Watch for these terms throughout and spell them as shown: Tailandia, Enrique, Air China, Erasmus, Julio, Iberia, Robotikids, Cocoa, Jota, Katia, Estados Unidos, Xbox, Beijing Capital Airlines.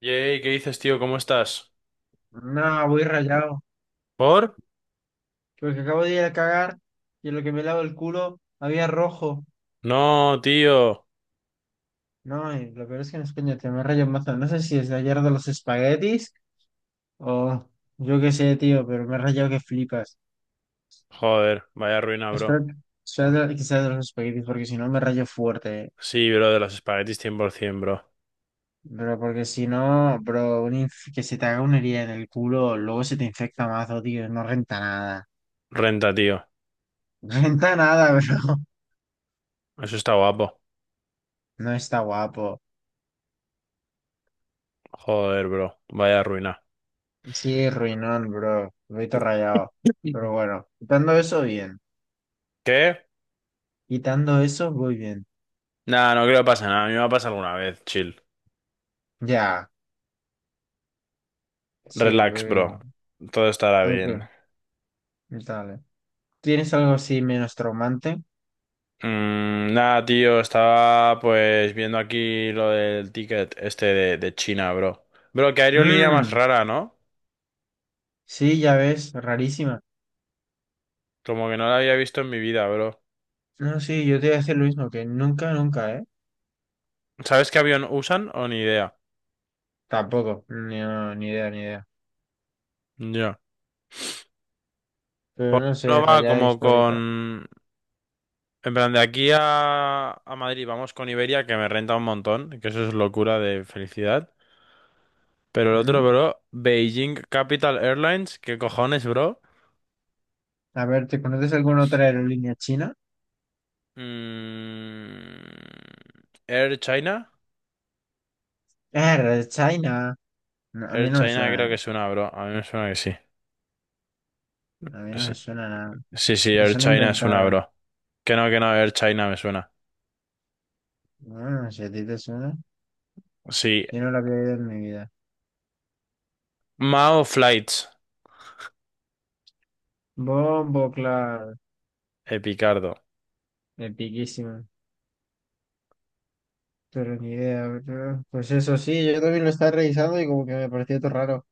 Yay, ¿qué dices, tío? ¿Cómo estás? No, voy rayado. ¿Por? Porque acabo de ir a cagar y en lo que me lavo el culo había rojo. No, tío. No, y lo peor es que no es coño, te me rayo mazo. No sé si es de ayer de los espaguetis o yo qué sé, tío, pero me he rayado que flipas. Joder, vaya ruina, bro. Espero que que sea de los espaguetis porque si no me rayo fuerte. Sí, bro, de los espaguetis 100%, Pero porque si no, bro, que se te haga una herida en el culo, luego se te infecta mazo, tío. No renta nada. bro. Renta, tío. No renta nada, bro. Eso está guapo. No está guapo. Joder, bro. Vaya ruina. Sí, ruinón, bro. Vito rayado. Pero Mm. bueno, quitando eso, bien. ¿Qué? Quitando eso, muy bien. Nah, no creo que pase nada. A mí me va a pasar alguna vez, chill. Ya. Sí, muy Relax, bro. bien. Todo estará Ok, bien. dale. ¿Tienes algo así menos traumante? Mm, nada, tío. Estaba pues viendo aquí lo del ticket este de China, bro. Bro, qué aerolínea más Mmm, rara, ¿no? sí, ya ves, rarísima. Como que no la había visto en mi vida, bro. No, sí, yo te voy a decir lo mismo, que nunca, nunca, ¿eh? ¿Sabes qué avión usan o ni idea? Tampoco, ni idea, ni idea. Ya. Pero Porque no uno sé, va rayada como histórica. con... En plan, de aquí a Madrid vamos con Iberia, que me renta un montón, que eso es locura de felicidad. Pero el otro, Mm. bro, Beijing Capital Airlines, ¿qué cojones, bro? A ver, ¿te conoces alguna otra aerolínea china? Mm, Air China. Ah, Red China. No, a mí Air no me China creo suena, ¿eh? que es una, bro. A mí me suena que sí. A mí no Sí, me suena nada. sí, sí, Me Air suena China es una, inventada. bro. Que no, Air China me suena. Ah, si a ti te suena, Sí. yo no la había oído en mi vida. Mao Flights. Bombo, claro, Epicardo. epiquísimo. Pero ni idea, ¿verdad? Pues eso sí, yo también lo estaba revisando y como que me pareció todo raro.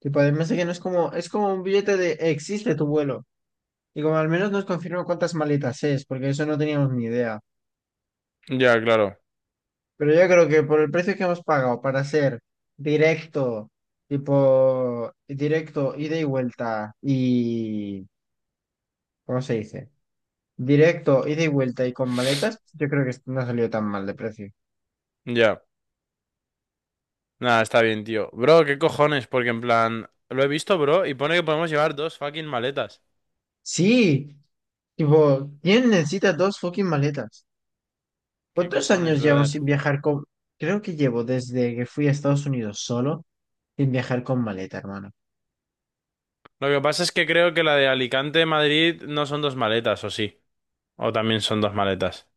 Tipo, además de que no es como, es como un billete de existe tu vuelo. Y como al menos nos confirma cuántas maletas es, porque eso no teníamos ni idea. Ya, claro. Pero yo creo que por el precio que hemos pagado para ser directo, tipo, directo, ida y vuelta y, ¿cómo se dice? Directo, ida y vuelta y con maletas, pues, yo creo que no salió tan mal de precio. Ya. Nada, está bien, tío. Bro, ¿qué cojones? Porque en plan, lo he visto, bro, y pone que podemos llevar dos fucking maletas. Sí, tipo, ¿quién necesita dos fucking maletas? ¿Qué ¿Cuántos cojones, años llevo brother? sin viajar con...? Creo que llevo desde que fui a Estados Unidos solo sin viajar con maleta, hermano. Lo que pasa es que creo que la de Alicante-Madrid no son dos maletas, ¿o sí? O también son dos maletas.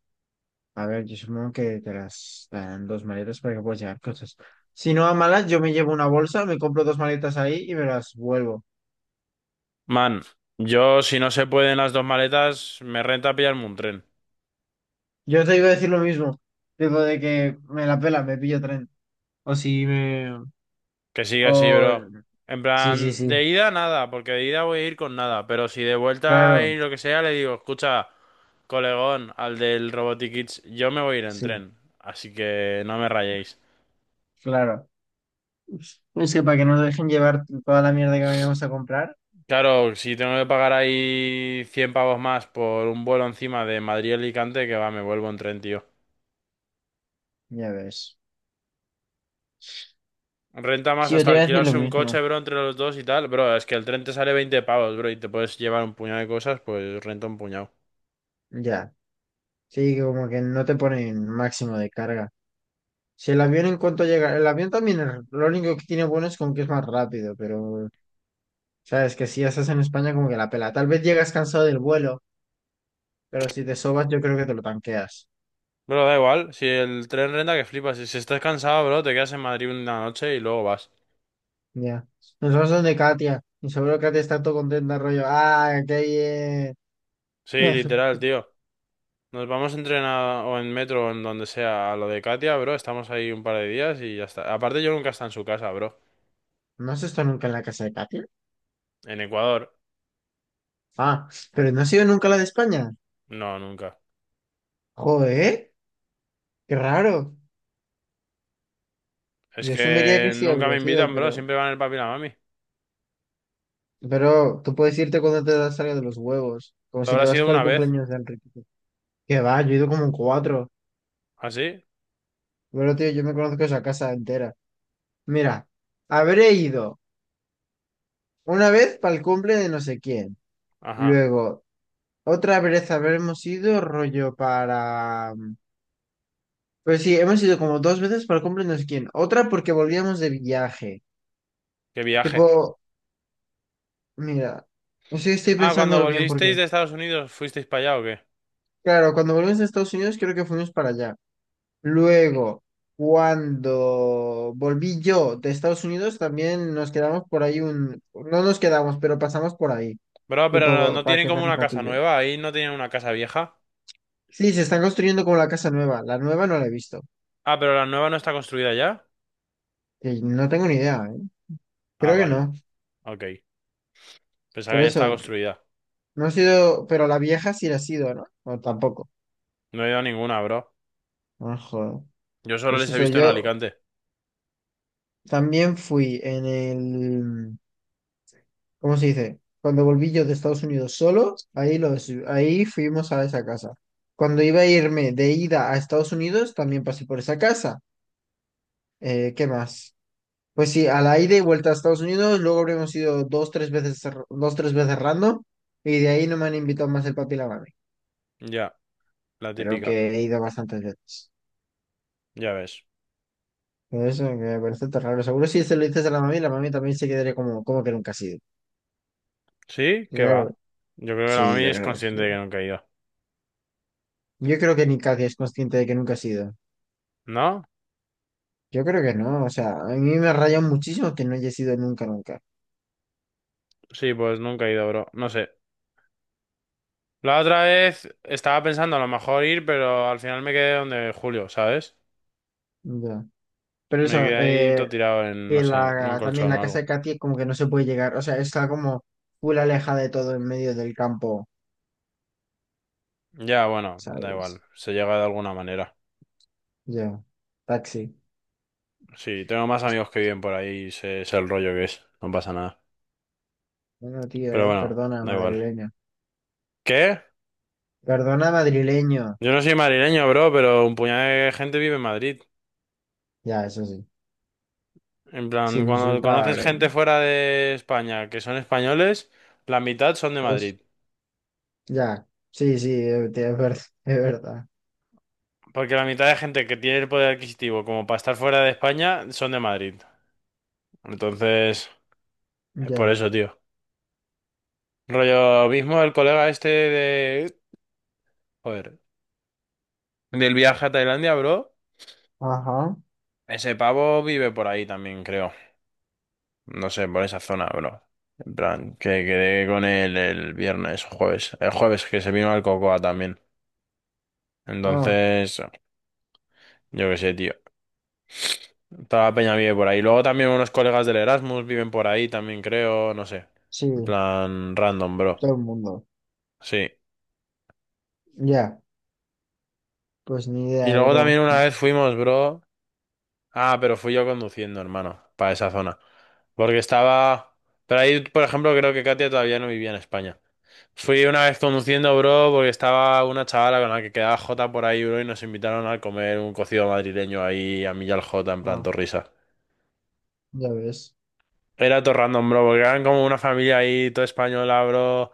A ver, yo supongo que te las dan dos maletas para que puedas llevar cosas. Si no a malas, yo me llevo una bolsa, me compro dos maletas ahí y me las vuelvo. Man, yo si no se pueden las dos maletas, me renta pillarme un tren. Yo te iba a decir lo mismo, digo de que me la pela, me pillo tren. O si me... Que sigue así, O... bro. En Sí, sí, plan, sí. de ida nada, porque de ida voy a ir con nada. Pero si de vuelta Claro, y lo que sea, le digo, escucha, colegón, al del Robotikids, yo me voy a ir en sí, tren. Así que no me rayéis. claro. Es que para que no nos dejen llevar toda la mierda que vayamos a comprar, Claro, si tengo que pagar ahí 100 pavos más por un vuelo encima de Madrid a Alicante, que va, me vuelvo en tren, tío. ya ves. Renta más Sí, yo te hasta iba a decir lo alquilarse un mismo. coche, bro, entre los dos y tal. Bro, es que el tren te sale 20 pavos, bro, y te puedes llevar un puñado de cosas, pues renta un puñado. Ya. Sí, que como que no te ponen máximo de carga. Si el avión en cuanto llega, el avión también es- lo único que tiene bueno es como que es más rápido, pero sabes que si ya estás en España como que la pela. Tal vez llegas cansado del vuelo, pero si te sobas yo creo que te lo tanqueas. Bro, da igual, si el tren renta que flipas. Si estás cansado, bro, te quedas en Madrid una noche y luego vas. Ya. Nos vamos donde Katia. Y seguro Katia está todo contenta, rollo. ¡Ah, qué Sí, bien! literal, tío. Nos vamos en tren a- o en metro o en donde sea a lo de Katia, bro. Estamos ahí un par de días y ya está. Aparte, yo nunca he estado en su casa, bro. ¿No has estado nunca en la casa de Katia? En Ecuador, Ah, pero no ha sido nunca la de España. no, nunca. Joder, qué raro. Es Yo asumiría que que sí nunca habría me sido, invitan, bro. pero... Siempre van el papi y la mami. Pero tú puedes irte cuando te das salga de los huevos, como Te si te habrá vas sido para el una vez. cumpleaños de Enrique. Que va, yo he ido como en cuatro. ¿Así? Pero tío, yo me conozco esa casa entera. Mira, habré ido una vez para el cumple de no sé quién. Ajá. Luego, otra vez habremos ido rollo para... Pues sí, hemos ido como dos veces para el cumple de no sé quién. Otra porque volvíamos de viaje. Qué viaje. Tipo, mira, sí estoy Ah, cuando pensándolo bien volvisteis porque, de Estados Unidos, ¿fuisteis para allá o qué? claro, cuando volvimos a Estados Unidos creo que fuimos para allá. Luego, cuando volví yo de Estados Unidos también nos quedamos por ahí no nos quedamos, pero pasamos por ahí, Bro, pero no, tipo no para tienen como quedar un una casa ratillo. nueva. Ahí no tienen una casa vieja. Sí, se están construyendo como la casa nueva. La nueva no la he visto. Ah, pero la nueva no está construida ya. Y no tengo ni idea, ¿eh? Ah, Creo que vale. no. Ok. Pensaba Pero que ya estaba eso, construida. no ha sido, pero la vieja sí la ha sido, ¿no? O tampoco. No he ido a ninguna, bro. Ah, joder. Yo solo Pues les he eso, visto en yo Alicante. también fui en el ¿Cómo se dice? Cuando volví yo de Estados Unidos solo, ahí fuimos a esa casa. Cuando iba a irme de ida a Estados Unidos, también pasé por esa casa. ¿Qué más? Pues sí, a la ida y vuelta a Estados Unidos, luego habríamos ido dos, tres veces random, y de ahí no me han invitado más el papi y la mami, Ya, la pero típica. que he ido bastantes veces. Ya ves. Por eso que me parece tan raro. Seguro si se lo dices a la mami también se quedaría como, como que nunca ha sido. ¿Sí? ¿Qué Yo- va? Yo creo que la sí, mami yo es creo que sí. consciente de que nunca he ido. Yo creo que ni Katia es consciente de que nunca ha sido. ¿No? Yo creo que no, o sea, a mí me raya muchísimo que no haya sido nunca, nunca. Sí, pues nunca he ido, bro. No sé. La otra vez estaba pensando a lo mejor ir, pero al final me quedé donde Julio, ¿sabes? Ya. Pero Me eso, quedé ahí todo tirado en, no que sé, en un también colchón la o casa algo. de Katy es como que no se puede llegar, o sea, está como full alejada de todo en medio del campo, Ya, bueno, da ¿sabes? igual, se llega de alguna manera. Ya, taxi. Sí, tengo más Sí, sí. amigos que viven por ahí y sé el rollo que es, no pasa nada. Bueno, tío, Pero bueno, perdona, da igual. madrileño. ¿Qué? Perdona, madrileño. Yo no soy madrileño, bro, pero un puñado de gente vive en Madrid. Ya, eso sí, En plan, sin cuando insultar. conoces gente fuera de España que son españoles, la mitad son de Pues, Madrid. ya, sí, sí, tío, es verdad, es verdad. Porque la mitad de gente que tiene el poder adquisitivo como para estar fuera de España son de Madrid. Entonces, es por Ya, eso, tío. Rollo mismo el colega este de... Joder. Del viaje a Tailandia, bro. ajá, Ese pavo vive por ahí también, creo. No sé, por esa zona, bro. En plan, que quedé con él el viernes o jueves. El jueves que se vino al Cocoa también. ah, Entonces, yo qué sé, tío. Toda la peña vive por ahí. Luego también unos colegas del Erasmus viven por ahí también, creo. No sé. En sí, plan, random, bro. todo el mundo. Sí. Ya. Pues ni Y idea, luego bro. también una vez fuimos, bro. Ah, pero fui yo conduciendo, hermano, para esa zona. Porque estaba... Pero ahí, por ejemplo, creo que Katia todavía no vivía en España. Fui una vez conduciendo, bro, porque estaba una chavala con la que quedaba Jota por ahí, bro, y nos invitaron a comer un cocido madrileño ahí a mí y al Jota, en plan, Ah, todo. ya ves. Era todo random, bro, porque eran como una familia ahí, todo española, bro,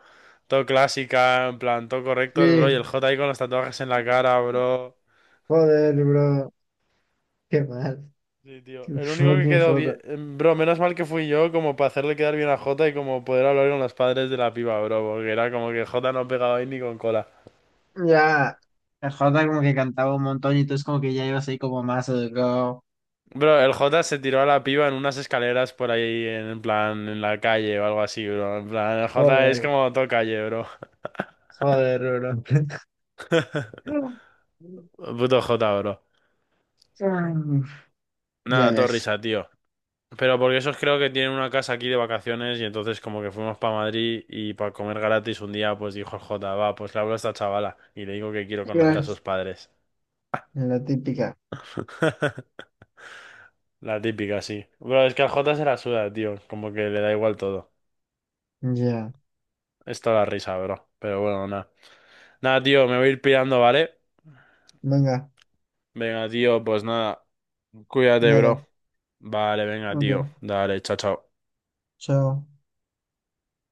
todo clásica, en plan, todo correctos, bro, y Sí. el Jota ahí con los tatuajes en la cara, bro. Joder, bro. Qué mal. Sí, tío. Qué El único que fucking quedó jota, bien. Bro, menos mal que fui yo, como para hacerle quedar bien a Jota y como poder hablar con los padres de la piba, bro. Porque era como que Jota no pegaba ahí ni con cola. ya. El Jota como que cantaba un montón y tú es como que ya ibas ahí como más educado. Bro, el Jota se tiró a la piba en unas escaleras por ahí, en plan, en la calle o algo así, bro. En plan, el Jota es Joder. como todo calle, bro. Joder, bro. Puto Jota, bro. Ya Nada, todo ves. risa, tío. Pero porque esos creo que tienen una casa aquí de vacaciones y entonces como que fuimos para Madrid y para comer gratis un día, pues dijo el Jota, va, pues le hablo a esta chavala y le digo que quiero conocer a Ya. sus padres. La típica. La típica, sí. Bro, es que al Jota se la suda, tío. Como que le da igual todo. Ya. Esto la risa, bro. Pero bueno, nada. Nada, tío, me voy a ir pirando, ¿vale? Venga, Venga, tío, pues nada. Cuídate, bro. dale. Vale, venga, tío. Ok. Dale, chao, chao. Chao.